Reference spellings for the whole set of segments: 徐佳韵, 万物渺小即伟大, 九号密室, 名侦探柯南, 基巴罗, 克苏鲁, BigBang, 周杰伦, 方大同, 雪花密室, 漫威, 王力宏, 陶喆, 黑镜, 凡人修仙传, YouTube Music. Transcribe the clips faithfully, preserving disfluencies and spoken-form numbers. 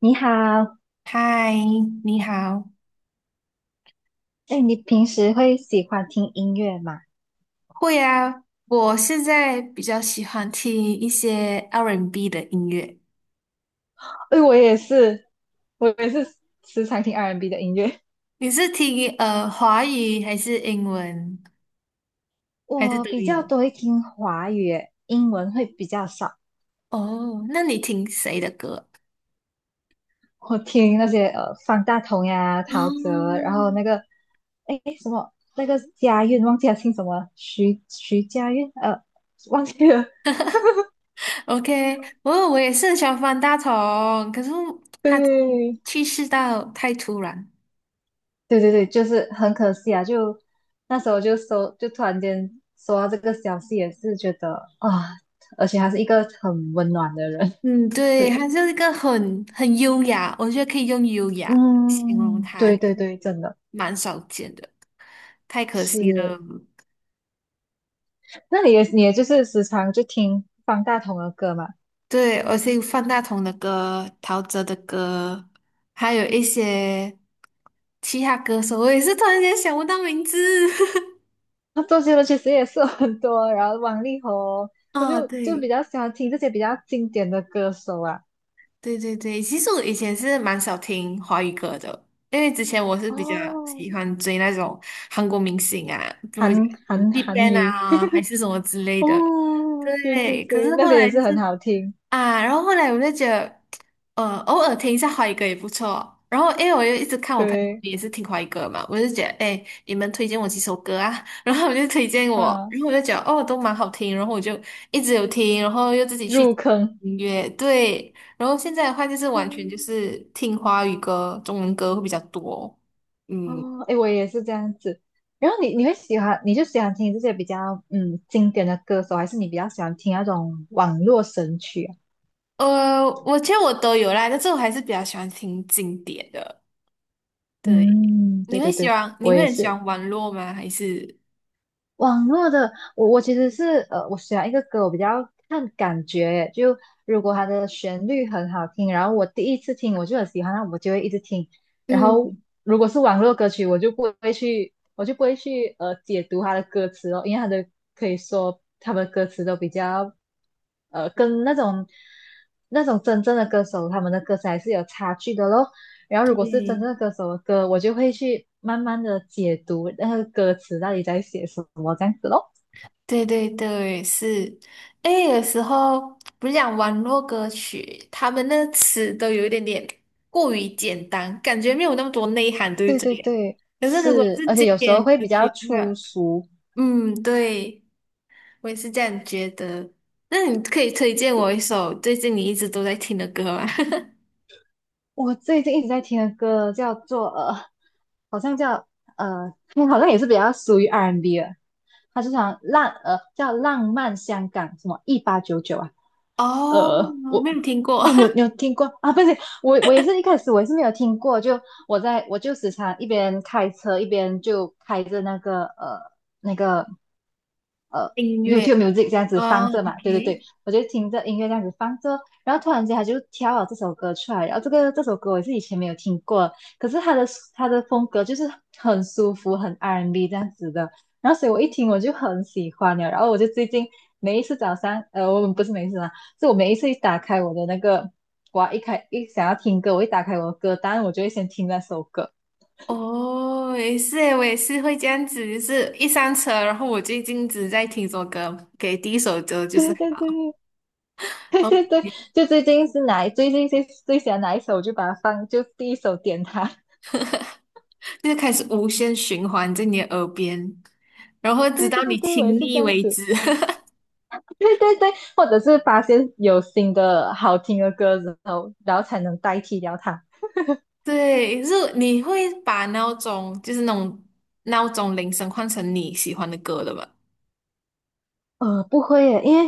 你好，嗨，你好。哎，你平时会喜欢听音乐吗？会啊，我现在比较喜欢听一些 R and B and B 的音乐。哎，我也是，我也是时常听 R&B 的音乐。你是听呃华语还是英文还是我都比较有？多会听华语耶，英文会比较少。哦，那你听谁的歌？我听那些呃方大同呀、陶喆，然后嗯那个哎什么那个佳韵，忘记了姓什么，徐徐佳韵，呃，忘记了。，OK，我我也是很喜欢方大同，可是 他对，去世到太突然。对对对，就是很可惜啊！就那时候就收，就突然间收到这个消息，也是觉得啊，而且他是一个很温暖的人。嗯，对，对，他就是一个很很优雅，我觉得可以用优雅形容嗯，他，对对对，真的蛮少见的，太可惜了。是。那你也你也就是时常就听方大同的歌嘛？对，而且有范大同的歌、陶喆的歌，还有一些其他歌手，我也是突然间想不到名字。那周杰伦其实也是有很多，然后王力宏，我啊。就就比对。较喜欢听这些比较经典的歌手啊。对对对，其实我以前是蛮少听华语歌的，因为之前我是比较哦，喜欢追那种韩国明星啊，比如讲韩嗯 韩韩 BigBang 语，啊，还 是什么之类的。哦，对对对，可对，是那后些也来就是是很好听。啊，然后后来我就觉得，呃，偶尔听一下华语歌也不错。然后因为我又一直看我朋友对，也是听华语歌嘛，我就觉得，哎，你们推荐我几首歌啊？然后我就推荐我，啊，然后我就觉得，哦，都蛮好听。然后我就一直有听，然后又自己去入坑，音乐，对。然后现在的话就是完全就嗯，是听华语歌、中文歌会比较多。嗯，哦，哎，我也是这样子。然后你你会喜欢，你就喜欢听这些比较嗯经典的歌手，还是你比较喜欢听那种网络神曲啊？呃，我其实我都有啦，但是我还是比较喜欢听经典的。对，嗯，你对会对喜对，欢，你我会也很喜是。欢网络吗？还是？网络的，我我其实是呃，我选一个歌，我比较看感觉，就如果它的旋律很好听，然后我第一次听我就很喜欢，那我就会一直听。然后嗯，如果是网络歌曲，我就不会去，我就不会去呃解读它的歌词哦，因为它的可以说他们的歌词都比较呃跟那种那种真正的歌手他们的歌词还是有差距的咯。然后如果是真对，正的歌手的歌，我就会去慢慢的解读那个歌词到底在写什么这样子咯。对对对，是。哎，有时候不是讲网络歌曲，他们那词都有一点点过于简单，感觉没有那么多内涵，对对不对对？对，可是如果是，是而且经有时候典会歌比较曲的话，粗俗。嗯，对，我也是这样觉得。那你可以推荐我一首最近你一直都在听的歌吗？我最近一直在听的歌叫做呃，好像叫，嗯好像也是比较属于 R&B 的，它就像浪呃叫浪漫香港什么一八九九啊，哦，呃，我没有听过 哦，你有你有听过啊？不是，我我也是一开始我也是没有听过，就我在我就时常一边开车一边就开着那个呃那个呃 音乐。YouTube Music 这样子放哦着嘛，对对对，，OK。我就听着音乐这样子放着，然后突然间他就挑了这首歌出来，然后这个这首歌我是以前没有听过，可是他的他的风格就是很舒服，很 R&B 这样子的，然后所以我一听我就很喜欢了，然后我就最近每一次早上，呃，我们不是每一次啊，是我每一次一打开我的那个，我一开一想要听歌，我一打开我的歌单，我就会先听那首歌，哦，也是诶，我也是会这样子，就是一上车，然后我最近只在听首歌，给第一首歌就是对对好，对。对然后对对，就最近是哪最近最最喜欢哪一首，我就把它放，就第一首点它。就开始无限循环在你的耳边，然后 直对到对你对，我也听是这腻样为子。止。对对对，或者是发现有新的好听的歌之后，然后才能代替掉它。对，就是你会把闹钟，就是那种闹钟铃声换成你喜欢的歌的吧？呃，不会耶，因为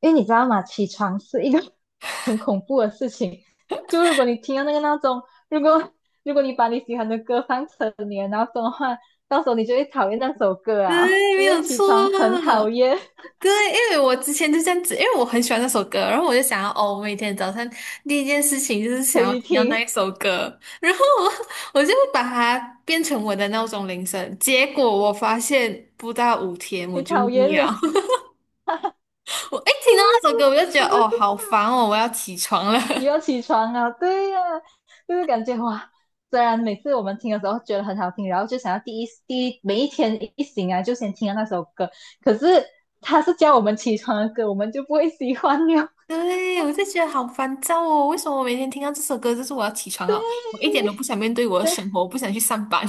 因为你知道吗？起床是一个 很恐怖的事情。就如果你听到那个闹钟，如果如果你把你喜欢的歌放成你的闹钟的话，到时候你就会讨厌那首歌 啊，对，没因为有起错。床很讨厌，对，因为我之前就这样子，因为我很喜欢那首歌，然后我就想要，哦，我每天早上第一件事情就是可想要以听到那一听，首歌，然后我我就把它变成我的闹钟铃声。结果我发现不到五天 我你就讨腻厌了，了。我一听到那首歌我就觉我得，就哦，是好烦哦，我要起床了。你 要起床啊，对呀、就是感觉哇，虽然每次我们听的时候觉得很好听，然后就想要第一第一每一天一醒来就先听到那首歌，可是他是叫我们起床的歌，我们就不会喜欢了。对，我就觉得好烦躁哦，为什么我每天听到这首歌就是我要起床了？我一对，点都不想面对我的对，生活，我不想去上班。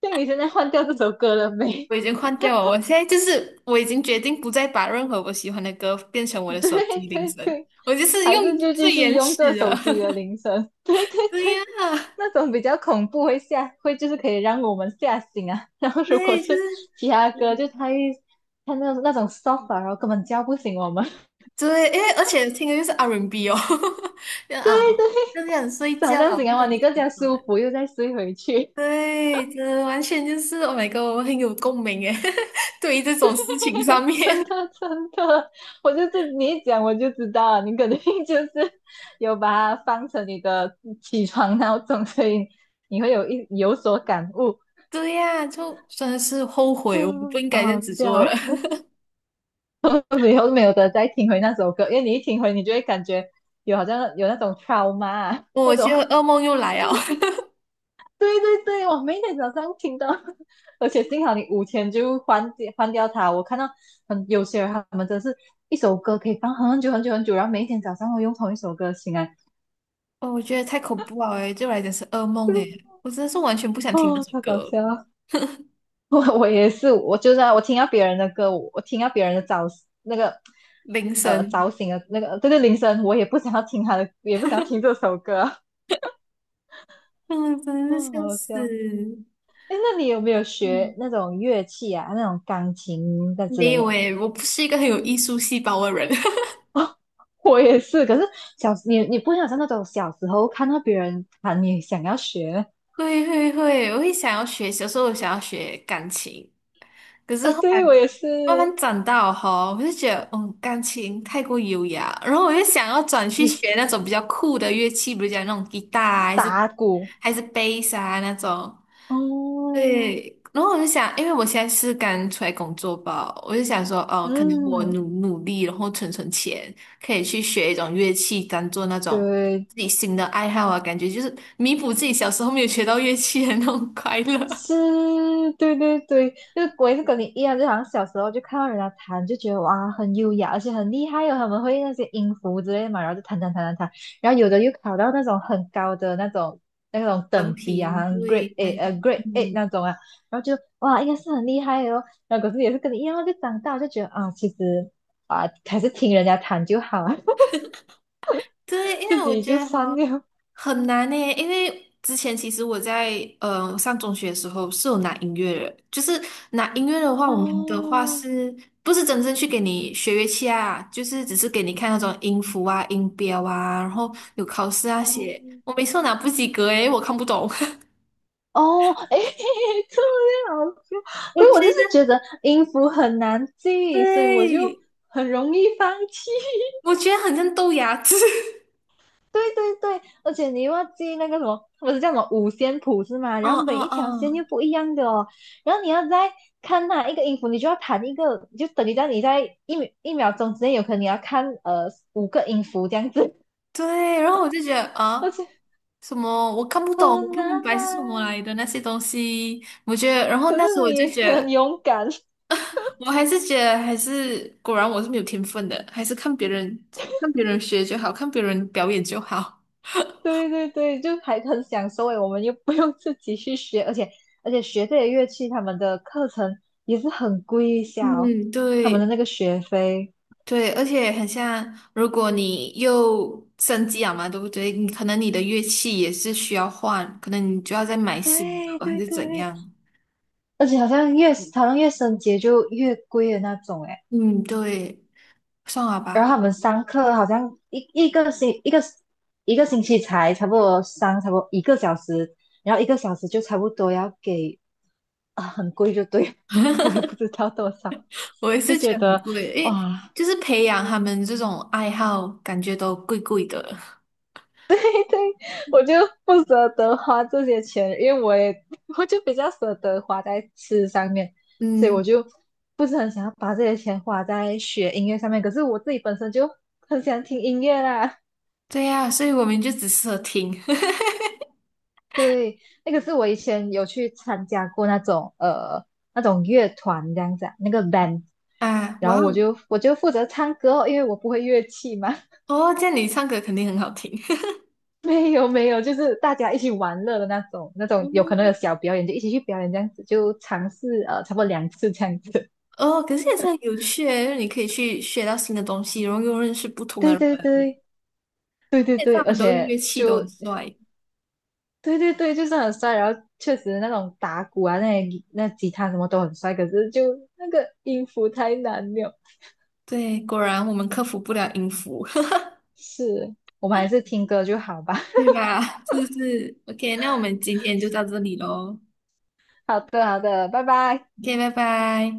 像你现在换掉这首歌了没？我已经换掉了，我现在就是我已经决定不再把任何我喜欢的歌变成我 的手对机铃对声，对，我就是还用是就继最续原用这始手的。机的 铃声，对对对对，呀，那种比较恐怖会吓，会就是可以让我们吓醒啊。然后如果对，就是是其他歌，就嗯，太他那那种 soft，啊然后根本叫不醒我们，对，因为而且听的就是 R and B 哦，就啊，更想 睡早觉，上醒来不哇，想你起更加床。舒服，又再睡回去。对，真的完全就是 Oh my God，我很有共鸣耶，对于这种事情上面，真的真的，我就是你一讲我就知道了，你肯定 就是有把它放成你的起床闹钟，所以你会有一有所感悟。对呀，就真的是后悔，我不嗯，应好该这好样子笑做了，啊。我以后没有得再听回那首歌，因为你一听回，你就会感觉有好像有那种 t r 那我种。觉得 噩梦又来了。对对对，我每天早上听到，而且幸好你五天就换掉换掉它。我看到很有些人他们真是一首歌可以放很久很久很久，然后每一天早上会用同一首歌醒来，哦，我觉得太恐怖了诶，对我来讲是噩梦诶，我真的是完全不想听那哦，首太搞歌，笑了。我我也是，我就是啊我听到别人的歌，我我听到别人的早那个铃呃早声，醒的那个这个铃声，我也不想要听他的，也不想要听这首歌。嗯，真的是哦，好笑好死。笑。哎，那你有没有嗯，学那种乐器啊？那种钢琴的之没类有的？诶，我不是一个很有艺术细胞的人。哦，我也是，可是小你你不会有像那种小时候看到别人弹，你想要学？会会会，我会想要学，小时候我想要学钢琴，可是呃，后来对，我也是，慢慢长大哈，我就觉得，嗯，钢琴太过优雅，然后我就想要 转去就学是那种比较酷的乐器，比如讲那种吉他啊，还是打鼓。还是贝斯啊那种。哦，对，然后我就想，因为我现在是刚出来工作吧，我就想说，哦，可能我嗯，努努力，然后存存钱，可以去学一种乐器，当做那种对，自己新的爱好啊，感觉就是弥补自己小时候没有学到乐器的那种快乐。是，对对对，就我也是跟你一样，就好像小时候就看到人家弹，就觉得哇很优雅，而且很厉害哦，他们会那些音符之类的嘛，然后就弹弹弹弹弹，然后有的又考到那种很高的那种那种文等级啊，好凭，像 g r e a 对，t A 们，呃 g r e a t A 嗯，那种啊，然后就哇应该是很厉害的哦，然后可是也是跟你一样，就长大就觉得啊其实啊还是听人家弹就好啊，对，因自为我己觉就得算哈。了很难呢，因为之前其实我在呃上中学的时候是有拿音乐的，就是拿音乐的话，我们的话哦是不是真正去给你学乐器啊？就是只是给你看那种音符啊、音标啊，然后有考试啊哦。写。我每次都拿不及格诶，我看不懂。哦，哎，这样好笑。我所以我就觉是得觉得音符很难记，所以我就对，很容易放弃。我觉得很像豆芽子。对对对，而且你又要记那个什么，不是叫什么五线谱是吗？然嗯后嗯每一条线又嗯，不一样的哦，然后你要再看哪一个音符，你就要弹一个，就等于在你在一秒一秒钟之内，有可能你要看呃五个音符这样子，对。然后我就觉得 而啊。且什么我看不懂，我很不难明白是什么啊。来的那些东西，我觉得，然后可那时是候我就你觉很得勇敢。我还是觉得还是果然我是没有天分的，还是看别人看别人学就好，看别人表演就好。对对对，就还很享受诶，我们又 不用自己去学，而且而且学这些乐器，他们的课程也是很贵一下哦，嗯，他们的对那个学费。对，而且很像，如果你又升级了嘛，对不对？你可能你的乐器也是需要换，可能你就要再买新对的，还对是怎对，样？而且好像越好像越升级就越贵的那种诶，嗯，对，算了然后吧，他们上课好像一一个星一个一个星期才差不多上差不多一个小时，然后一个小时就差不多要给啊很贵就对了，我也不知道多少，我也就是觉觉得很得贵，诶，哇 就是培养他们这种爱好，感觉都贵贵的。对我就不舍得花这些钱，因为我也我就比较舍得花在吃上面，所以嗯，我就不是很想要把这些钱花在学音乐上面。可是我自己本身就很喜欢听音乐啦，对呀，所以我们就只适合听 那个是我以前有去参加过那种呃那种乐团这样子啊那个 band，啊，然哇后我哦。就我就负责唱歌哦因为我不会乐器嘛，哦，这样你唱歌肯定很好听。没有没有，就是大家一起玩乐的那种，那种有可能有小 表演就一起去表演这样子，就尝试呃差不多两次这样子。哦，哦，可是也是很有趣诶，就是你可以去学到新的东西，然后又认识不同的对人。对对对对现在对，他而们都乐且器都很就帅，对对对，就是很帅，然后确实那种打鼓啊，那些那吉他什么都很帅，可是就那个音符太难了。对，果然我们克服不了音符。是，我们还是听歌就好吧。对 吧？是不是？OK，那我们今天就到这里喽。好的好的，拜拜。OK，拜拜。